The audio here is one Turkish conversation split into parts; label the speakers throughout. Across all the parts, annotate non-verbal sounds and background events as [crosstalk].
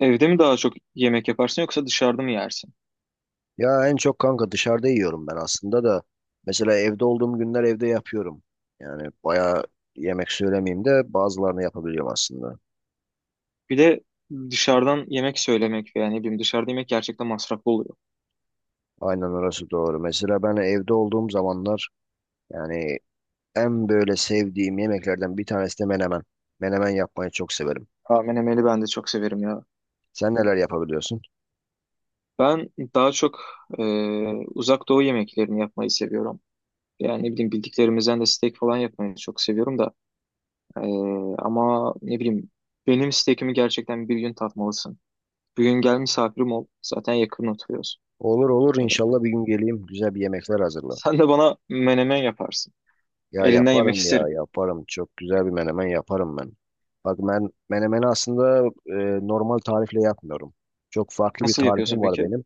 Speaker 1: Evde mi daha çok yemek yaparsın yoksa dışarıda mı yersin?
Speaker 2: Ya en çok kanka dışarıda yiyorum ben aslında da. Mesela evde olduğum günler evde yapıyorum. Yani bayağı yemek söylemeyeyim de bazılarını yapabiliyorum aslında.
Speaker 1: Bir de dışarıdan yemek söylemek veya ne bileyim dışarıda yemek gerçekten masraflı oluyor.
Speaker 2: Aynen orası doğru. Mesela ben evde olduğum zamanlar yani en böyle sevdiğim yemeklerden bir tanesi de menemen. Menemen yapmayı çok severim.
Speaker 1: Ha, menemeni ben de çok severim ya.
Speaker 2: Sen neler yapabiliyorsun?
Speaker 1: Ben daha çok e, uzak doğu yemeklerini yapmayı seviyorum. Yani ne bileyim bildiklerimizden de steak falan yapmayı çok seviyorum da. E, ama ne bileyim benim steakimi gerçekten bir gün tatmalısın. Bir gün gel misafirim ol. Zaten yakın oturuyoruz.
Speaker 2: Olur olur inşallah bir gün geleyim güzel bir yemekler hazırla.
Speaker 1: Sen de bana menemen yaparsın.
Speaker 2: Ya
Speaker 1: Elinden yemek
Speaker 2: yaparım ya
Speaker 1: isterim.
Speaker 2: yaparım. Çok güzel bir menemen yaparım ben. Bak ben menemeni aslında normal tarifle yapmıyorum. Çok farklı bir
Speaker 1: Nasıl yapıyorsun
Speaker 2: tarifim var
Speaker 1: peki?
Speaker 2: benim.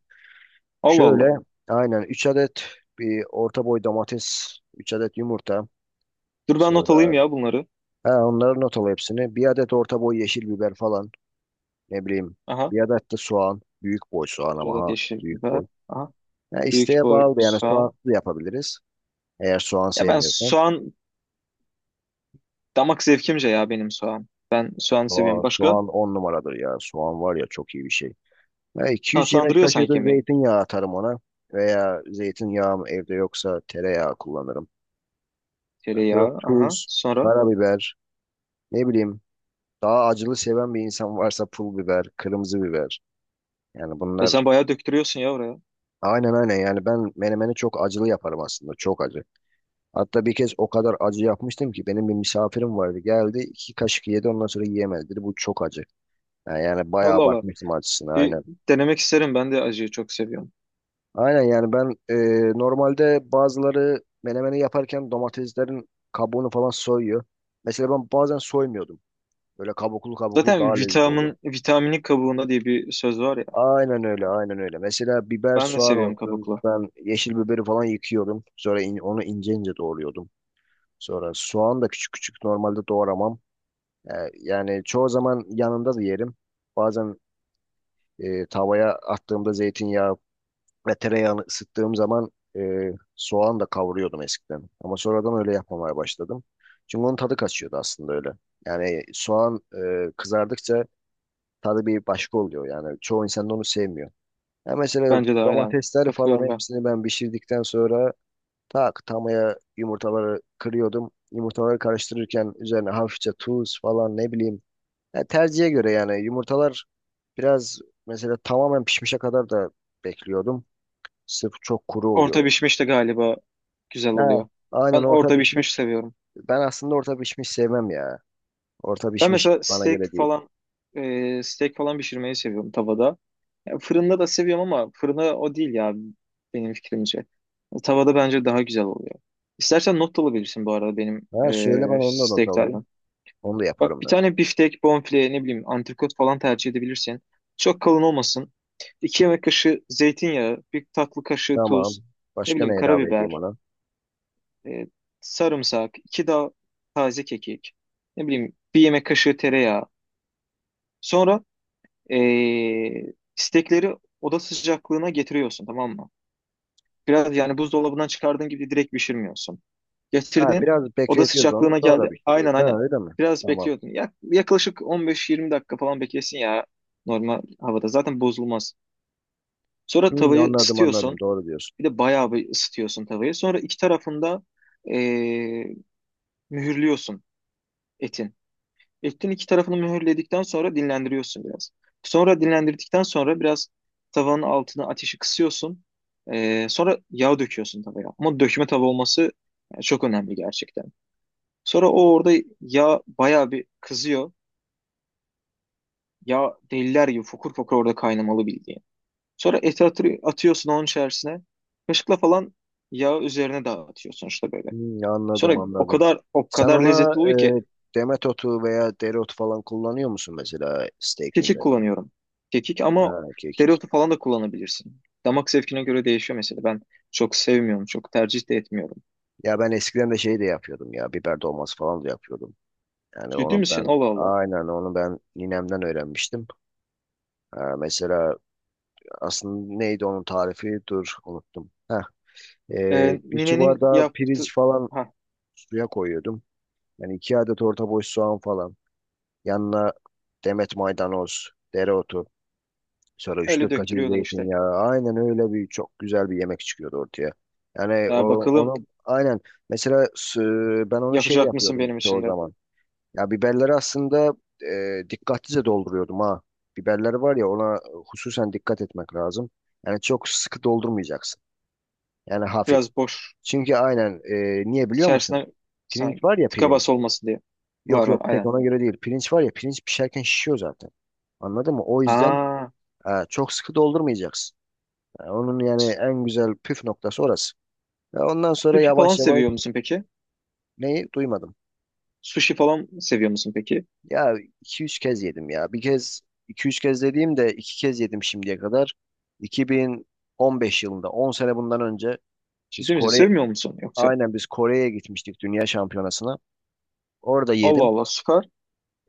Speaker 1: Allah Allah.
Speaker 2: Şöyle aynen 3 adet bir orta boy domates, 3 adet yumurta.
Speaker 1: Dur ben not alayım
Speaker 2: Sonra
Speaker 1: ya bunları.
Speaker 2: ha, onları not al hepsini. Bir adet orta boy yeşil biber falan. Ne bileyim.
Speaker 1: Aha.
Speaker 2: Bir adet de soğan. Büyük boy soğan
Speaker 1: Bir
Speaker 2: ama
Speaker 1: adet
Speaker 2: ha.
Speaker 1: yeşil
Speaker 2: Büyük
Speaker 1: biber.
Speaker 2: boy.
Speaker 1: Aha.
Speaker 2: Ya
Speaker 1: Büyük
Speaker 2: isteğe
Speaker 1: boy
Speaker 2: bağlı yani soğan
Speaker 1: soğan.
Speaker 2: da yapabiliriz. Eğer soğan
Speaker 1: Ya ben
Speaker 2: sevmiyorsan.
Speaker 1: soğan damak zevkimce ya benim soğan. Ben soğan seviyorum.
Speaker 2: Soğan,
Speaker 1: Başka?
Speaker 2: soğan on numaradır ya. Soğan var ya çok iyi bir şey. Ya 200 yemek
Speaker 1: Tatlandırıyor
Speaker 2: kaşığı
Speaker 1: sanki
Speaker 2: da
Speaker 1: yemeği.
Speaker 2: zeytinyağı atarım ona. Veya zeytinyağım evde yoksa tereyağı kullanırım. Yani sonra
Speaker 1: Tereyağı. Aha.
Speaker 2: tuz,
Speaker 1: Sonra.
Speaker 2: karabiber, ne bileyim daha acılı seven bir insan varsa pul biber, kırmızı biber. Yani
Speaker 1: E
Speaker 2: bunlar
Speaker 1: sen bayağı döktürüyorsun ya oraya.
Speaker 2: aynen aynen yani ben menemeni çok acılı yaparım aslında çok acı. Hatta bir kez o kadar acı yapmıştım ki benim bir misafirim vardı geldi iki kaşık yedi ondan sonra yiyemedi dedi bu çok acı. Yani
Speaker 1: Allah
Speaker 2: bayağı
Speaker 1: Allah.
Speaker 2: bakmıştım acısına
Speaker 1: Bir
Speaker 2: aynen.
Speaker 1: denemek isterim. Ben de acıyı çok seviyorum.
Speaker 2: Aynen yani ben normalde bazıları menemeni yaparken domateslerin kabuğunu falan soyuyor. Mesela ben bazen soymuyordum. Böyle kabuklu kabuklu
Speaker 1: Zaten
Speaker 2: daha lezzetli oluyor.
Speaker 1: vitamini kabuğunda diye bir söz var ya.
Speaker 2: Aynen öyle, aynen öyle. Mesela biber,
Speaker 1: Ben de
Speaker 2: soğan
Speaker 1: seviyorum
Speaker 2: olsun.
Speaker 1: kabuklu.
Speaker 2: Ben yeşil biberi falan yıkıyorum. Sonra onu ince ince doğruyordum. Sonra soğan da küçük küçük normalde doğramam. E, Yani çoğu zaman yanında da yerim. Bazen tavaya attığımda zeytinyağı ve tereyağını ısıttığım zaman soğan da kavuruyordum eskiden. Ama sonradan öyle yapmamaya başladım. Çünkü onun tadı kaçıyordu aslında öyle. Yani soğan kızardıkça tadı bir başka oluyor. Yani çoğu insan da onu sevmiyor. Ya mesela
Speaker 1: Bence de aynen.
Speaker 2: domatesleri falan
Speaker 1: Katılıyorum ben.
Speaker 2: hepsini ben pişirdikten sonra tak tamaya yumurtaları kırıyordum. Yumurtaları karıştırırken üzerine hafifçe tuz falan ne bileyim. Ya tercihe göre yani yumurtalar biraz mesela tamamen pişmişe kadar da bekliyordum. Sırf çok kuru
Speaker 1: Orta
Speaker 2: oluyordu.
Speaker 1: pişmiş de galiba güzel
Speaker 2: Ha,
Speaker 1: oluyor.
Speaker 2: aynen
Speaker 1: Ben
Speaker 2: orta
Speaker 1: orta pişmiş
Speaker 2: pişmiş.
Speaker 1: seviyorum.
Speaker 2: Ben aslında orta pişmiş sevmem ya. Orta
Speaker 1: Ben
Speaker 2: pişmiş
Speaker 1: mesela
Speaker 2: bana
Speaker 1: steak
Speaker 2: göre değil.
Speaker 1: falan e, steak falan pişirmeyi seviyorum tavada. Ya fırında da seviyorum ama fırında o değil ya benim fikrimce. Tavada bence daha güzel oluyor. İstersen not da alabilirsin bu arada benim
Speaker 2: Ha, söyle ben onu da not
Speaker 1: steak
Speaker 2: alayım.
Speaker 1: tarifim.
Speaker 2: Onu da
Speaker 1: Bak
Speaker 2: yaparım
Speaker 1: bir
Speaker 2: ben.
Speaker 1: tane biftek, bonfile, ne bileyim antrikot falan tercih edebilirsin. Çok kalın olmasın. 2 yemek kaşığı zeytinyağı, bir tatlı kaşığı
Speaker 2: Tamam.
Speaker 1: tuz, ne
Speaker 2: Başka
Speaker 1: bileyim
Speaker 2: ne ilave edeyim
Speaker 1: karabiber,
Speaker 2: ona?
Speaker 1: e, sarımsak, 2 dal taze kekik, ne bileyim bir yemek kaşığı tereyağı. Sonra e, istekleri oda sıcaklığına getiriyorsun, tamam mı? Biraz yani buzdolabından çıkardığın gibi direkt pişirmiyorsun.
Speaker 2: Ha,
Speaker 1: Getirdin,
Speaker 2: biraz
Speaker 1: oda
Speaker 2: bekletiyoruz onu
Speaker 1: sıcaklığına
Speaker 2: sonra
Speaker 1: geldi. Aynen,
Speaker 2: pişiriyoruz.
Speaker 1: aynen.
Speaker 2: Ha, öyle mi?
Speaker 1: Biraz
Speaker 2: Tamam.
Speaker 1: bekliyordun. Yaklaşık 15-20 dakika falan beklesin ya, normal havada. Zaten bozulmaz. Sonra
Speaker 2: Hmm,
Speaker 1: tavayı
Speaker 2: anladım anladım.
Speaker 1: ısıtıyorsun.
Speaker 2: Doğru diyorsun.
Speaker 1: Bir de bayağı bir ısıtıyorsun tavayı. Sonra iki tarafında e, mühürlüyorsun etin. Etin iki tarafını mühürledikten sonra dinlendiriyorsun biraz. Sonra dinlendirdikten sonra biraz tavanın altına ateşi kısıyorsun. Sonra yağ döküyorsun tavaya. Ama dökme tava olması yani çok önemli gerçekten. Sonra o orada yağ bayağı bir kızıyor. Yağ deliler gibi fokur fokur orada kaynamalı bildiğin. Sonra eti atıyorsun onun içerisine. Kaşıkla falan yağı üzerine dağıtıyorsun işte böyle.
Speaker 2: Hmm,
Speaker 1: Sonra
Speaker 2: anladım
Speaker 1: o
Speaker 2: anladım.
Speaker 1: kadar o
Speaker 2: Sen
Speaker 1: kadar
Speaker 2: ona
Speaker 1: lezzetli oluyor ki.
Speaker 2: e, demet otu veya dereotu falan kullanıyor musun mesela steak'in
Speaker 1: Kekik
Speaker 2: üzerine?
Speaker 1: kullanıyorum. Kekik, ama
Speaker 2: Ha, kekik.
Speaker 1: dereotu falan da kullanabilirsin. Damak zevkine göre değişiyor mesela. Ben çok sevmiyorum, çok tercih de etmiyorum.
Speaker 2: Ya ben eskiden de şey de yapıyordum ya. Biber dolması falan da yapıyordum. Yani
Speaker 1: Ciddi
Speaker 2: onu
Speaker 1: misin?
Speaker 2: ben
Speaker 1: Allah Allah.
Speaker 2: aynen onu ben ninemden öğrenmiştim. Ha, mesela aslında neydi onun tarifi? Dur unuttum. Heh,
Speaker 1: Ee,
Speaker 2: bir su
Speaker 1: ninenin
Speaker 2: bardağı
Speaker 1: yaptı...
Speaker 2: pirinç falan
Speaker 1: Ha,
Speaker 2: suya koyuyordum. Yani iki adet orta boy soğan falan. Yanına demet maydanoz, dereotu. Sonra
Speaker 1: öyle
Speaker 2: 3-4 kaşık
Speaker 1: döktürüyordun işte.
Speaker 2: zeytinyağı. Aynen öyle bir çok güzel bir yemek çıkıyordu ortaya. Yani o,
Speaker 1: Ya bakalım
Speaker 2: onu aynen mesela ben onu şey
Speaker 1: yapacak mısın
Speaker 2: yapıyordum
Speaker 1: benim
Speaker 2: çoğu
Speaker 1: için de?
Speaker 2: zaman. Ya biberleri aslında dikkatlice dolduruyordum ha. Biberleri var ya ona hususen dikkat etmek lazım. Yani çok sıkı doldurmayacaksın. Yani hafif.
Speaker 1: Biraz boş.
Speaker 2: Çünkü aynen niye biliyor musun?
Speaker 1: İçerisine sen
Speaker 2: Pirinç var ya
Speaker 1: tıka
Speaker 2: pirinç.
Speaker 1: bas olmasın diye.
Speaker 2: Yok
Speaker 1: Var var
Speaker 2: yok tek
Speaker 1: aynen.
Speaker 2: ona göre değil. Pirinç var ya pirinç pişerken şişiyor zaten. Anladın mı? O yüzden
Speaker 1: Aa,
Speaker 2: çok sıkı doldurmayacaksın. Yani onun yani en güzel püf noktası orası. Ve ondan sonra
Speaker 1: sushi falan
Speaker 2: yavaş yavaş
Speaker 1: seviyor musun peki?
Speaker 2: neyi duymadım.
Speaker 1: Sushi falan seviyor musun peki?
Speaker 2: Ya iki üç kez yedim ya. Bir kez iki üç kez dediğim de 2 kez yedim şimdiye kadar. 2015 yılında 10 sene bundan önce biz
Speaker 1: Ciddi misin?
Speaker 2: Kore
Speaker 1: Sevmiyor musun yoksa?
Speaker 2: aynen biz Kore'ye gitmiştik dünya şampiyonasına. Orada
Speaker 1: Allah
Speaker 2: yedim.
Speaker 1: Allah, süper.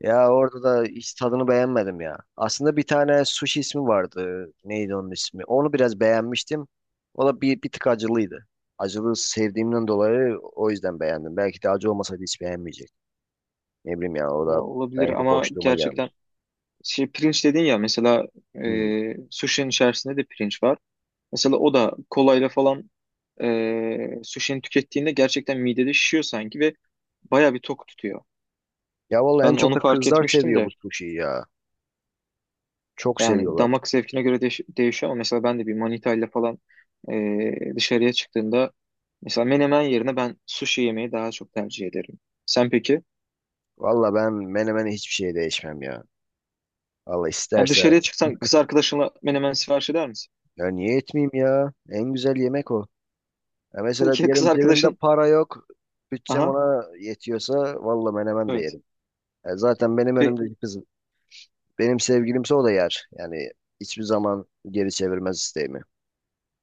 Speaker 2: Ya orada da hiç tadını beğenmedim ya. Aslında bir tane sushi ismi vardı. Neydi onun ismi? Onu biraz beğenmiştim. O da bir tık acılıydı. Acılı sevdiğimden dolayı o yüzden beğendim. Belki de acı olmasaydı hiç beğenmeyecek. Ne bileyim ya o
Speaker 1: Ya
Speaker 2: da
Speaker 1: olabilir
Speaker 2: belki de
Speaker 1: ama
Speaker 2: boşluğuma
Speaker 1: gerçekten.
Speaker 2: gelmiş.
Speaker 1: Şey, pirinç dedin ya, mesela
Speaker 2: Hmm.
Speaker 1: sushi'nin içerisinde de pirinç var. Mesela o da kolayla falan sushi'ni tükettiğinde gerçekten midede şişiyor sanki ve baya bir tok tutuyor.
Speaker 2: Ya vallahi en
Speaker 1: Ben
Speaker 2: çok
Speaker 1: onu
Speaker 2: da
Speaker 1: fark
Speaker 2: kızlar
Speaker 1: etmiştim
Speaker 2: seviyor bu
Speaker 1: de,
Speaker 2: suşiyi ya. Çok
Speaker 1: yani
Speaker 2: seviyorlar.
Speaker 1: damak zevkine göre değişiyor, ama mesela ben de bir manita ile falan dışarıya çıktığımda mesela menemen yerine ben sushi yemeyi daha çok tercih ederim. Sen peki?
Speaker 2: Vallahi ben menemene hiçbir şeye değişmem ya. Allah
Speaker 1: Yani
Speaker 2: isterse
Speaker 1: dışarıya çıksan kız arkadaşınla menemen sipariş eder misin?
Speaker 2: ya niye etmeyeyim ya? En güzel yemek o. Ya
Speaker 1: [laughs]
Speaker 2: mesela
Speaker 1: Peki ya kız
Speaker 2: diyelim cebimde
Speaker 1: arkadaşın?
Speaker 2: para yok. Bütçem
Speaker 1: Aha,
Speaker 2: ona yetiyorsa vallahi menemen de
Speaker 1: evet.
Speaker 2: yerim. Ya zaten benim
Speaker 1: Pe-
Speaker 2: önümdeki kız benim sevgilimse o da yer. Yani hiçbir zaman geri çevirmez isteğimi.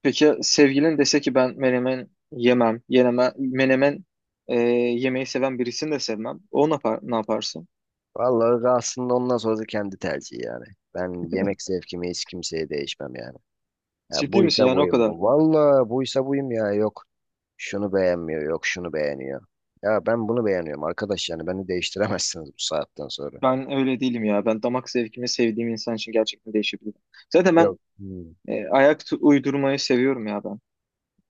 Speaker 1: Peki sevgilin dese ki ben menemen yemem, menemen e, yemeği seven birisini de sevmem. O ne yapar, ne yaparsın?
Speaker 2: Vallahi aslında ondan sonrası kendi tercihi yani. Ben yemek zevkimi hiç kimseye değişmem yani. Ya
Speaker 1: Ciddi misin
Speaker 2: buysa
Speaker 1: yani o
Speaker 2: buyum.
Speaker 1: kadar?
Speaker 2: Vallahi buysa buyum ya. Yok şunu beğenmiyor, yok şunu beğeniyor. Ya ben bunu beğeniyorum arkadaş yani beni değiştiremezsiniz bu saatten sonra.
Speaker 1: Ben öyle değilim ya. Ben damak zevkimi sevdiğim insan için gerçekten değişebilir. Zaten ben
Speaker 2: Yok. Hmm.
Speaker 1: ayak uydurmayı seviyorum ya ben.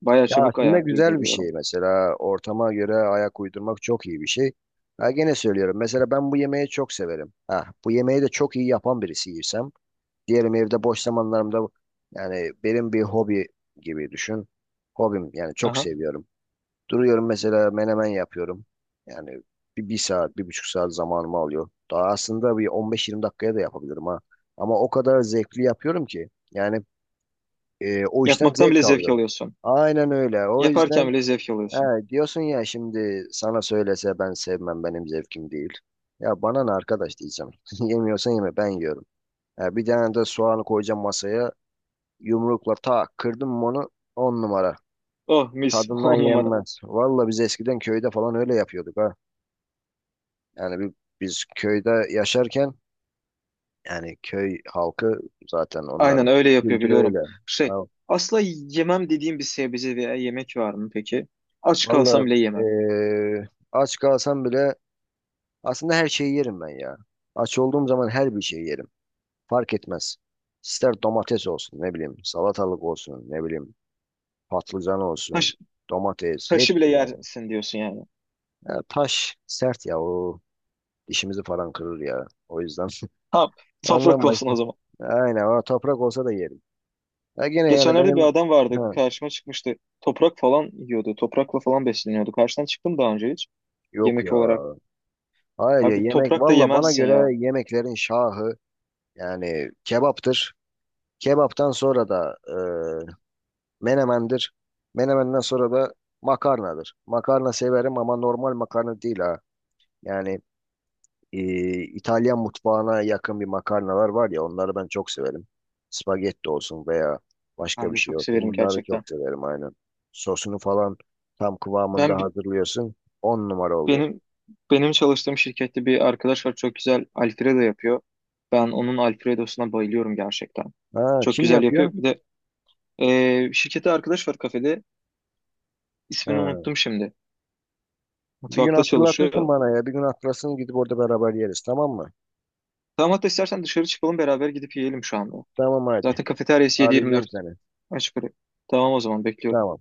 Speaker 1: Bayağı
Speaker 2: Ya
Speaker 1: çabuk
Speaker 2: aslında
Speaker 1: ayak
Speaker 2: güzel bir şey
Speaker 1: uyduruyorum.
Speaker 2: mesela ortama göre ayak uydurmak çok iyi bir şey. Ha gene söylüyorum mesela ben bu yemeği çok severim. Ha bu yemeği de çok iyi yapan birisiysem diyelim evde boş zamanlarımda yani benim bir hobi gibi düşün. Hobim yani çok
Speaker 1: Aha.
Speaker 2: seviyorum. Duruyorum mesela menemen yapıyorum. Yani bir saat, bir buçuk saat zamanımı alıyor. Daha aslında bir 15-20 dakikaya da yapabilirim ha. Ama o kadar zevkli yapıyorum ki. Yani o işten
Speaker 1: Yapmaktan bile
Speaker 2: zevk
Speaker 1: zevk
Speaker 2: alıyorum.
Speaker 1: alıyorsun.
Speaker 2: Aynen öyle. O
Speaker 1: Yaparken
Speaker 2: yüzden
Speaker 1: bile zevk
Speaker 2: he,
Speaker 1: alıyorsun.
Speaker 2: diyorsun ya şimdi sana söylese ben sevmem benim zevkim değil. Ya bana ne arkadaş diyeceğim. [laughs] Yemiyorsan yeme ben yiyorum. Ya bir tane de soğanı koyacağım masaya. Yumrukla tak kırdım mı onu on numara.
Speaker 1: Oh, mis. [laughs]
Speaker 2: Tadından
Speaker 1: On numara.
Speaker 2: yenmez. Valla biz eskiden köyde falan öyle yapıyorduk ha. Yani biz köyde yaşarken yani köy halkı zaten
Speaker 1: Aynen
Speaker 2: onların
Speaker 1: öyle yapıyor,
Speaker 2: kültürü öyle.
Speaker 1: biliyorum. Şey,
Speaker 2: Ha.
Speaker 1: asla yemem dediğim bir sebze veya yemek var mı peki? Aç kalsam
Speaker 2: Vallahi
Speaker 1: bile yemem.
Speaker 2: aç kalsam bile aslında her şeyi yerim ben ya. Aç olduğum zaman her bir şeyi yerim. Fark etmez. İster domates olsun ne bileyim salatalık olsun ne bileyim patlıcan olsun
Speaker 1: Taş,
Speaker 2: domates
Speaker 1: taşı
Speaker 2: hepsi
Speaker 1: bile
Speaker 2: yani.
Speaker 1: yersin diyorsun yani.
Speaker 2: Ya taş sert ya o dişimizi falan kırır ya. O yüzden
Speaker 1: Ha,
Speaker 2: [laughs]
Speaker 1: toprak
Speaker 2: anlanmayız.
Speaker 1: olsun o zaman.
Speaker 2: Aynen o toprak olsa da yerim. Ya gene yani
Speaker 1: Geçenlerde bir
Speaker 2: benim
Speaker 1: adam vardı,
Speaker 2: ha.
Speaker 1: karşıma çıkmıştı. Toprak falan yiyordu. Toprakla falan besleniyordu. Karşıdan çıktım daha önce hiç.
Speaker 2: Yok
Speaker 1: Yemek
Speaker 2: ya.
Speaker 1: olarak.
Speaker 2: Hayır ya
Speaker 1: Abi
Speaker 2: yemek
Speaker 1: toprak da
Speaker 2: valla bana
Speaker 1: yemezsin ya.
Speaker 2: göre yemeklerin şahı yani kebaptır. Kebaptan sonra da menemendir. Menemenden sonra da makarnadır. Makarna severim ama normal makarna değil ha. Yani e, İtalyan mutfağına yakın bir makarnalar var ya onları ben çok severim. Spagetti olsun veya
Speaker 1: Ben
Speaker 2: başka
Speaker 1: de
Speaker 2: bir şey
Speaker 1: çok
Speaker 2: olsun
Speaker 1: severim
Speaker 2: bunları
Speaker 1: gerçekten.
Speaker 2: çok severim aynen. Sosunu falan tam kıvamında
Speaker 1: Ben
Speaker 2: hazırlıyorsun. On numara oluyor.
Speaker 1: Benim benim çalıştığım şirkette bir arkadaş var, çok güzel Alfredo yapıyor. Ben onun Alfredo'suna bayılıyorum gerçekten.
Speaker 2: Ha,
Speaker 1: Çok
Speaker 2: kim
Speaker 1: güzel yapıyor.
Speaker 2: yapıyor?
Speaker 1: Bir de şirkette arkadaş var, kafede. İsmini
Speaker 2: Ha.
Speaker 1: unuttum şimdi.
Speaker 2: Bir gün
Speaker 1: Mutfakta
Speaker 2: hatırlatırsın
Speaker 1: çalışıyor.
Speaker 2: bana ya. Bir gün hatırlasın gidip orada beraber yeriz tamam mı?
Speaker 1: Tamam, hatta istersen dışarı çıkalım beraber, gidip yiyelim şu anda.
Speaker 2: Tamam hadi.
Speaker 1: Zaten kafeteryası
Speaker 2: Arayacağım
Speaker 1: 7-24
Speaker 2: seni.
Speaker 1: açık. Oraya. Tamam, o zaman bekliyorum.
Speaker 2: Tamam.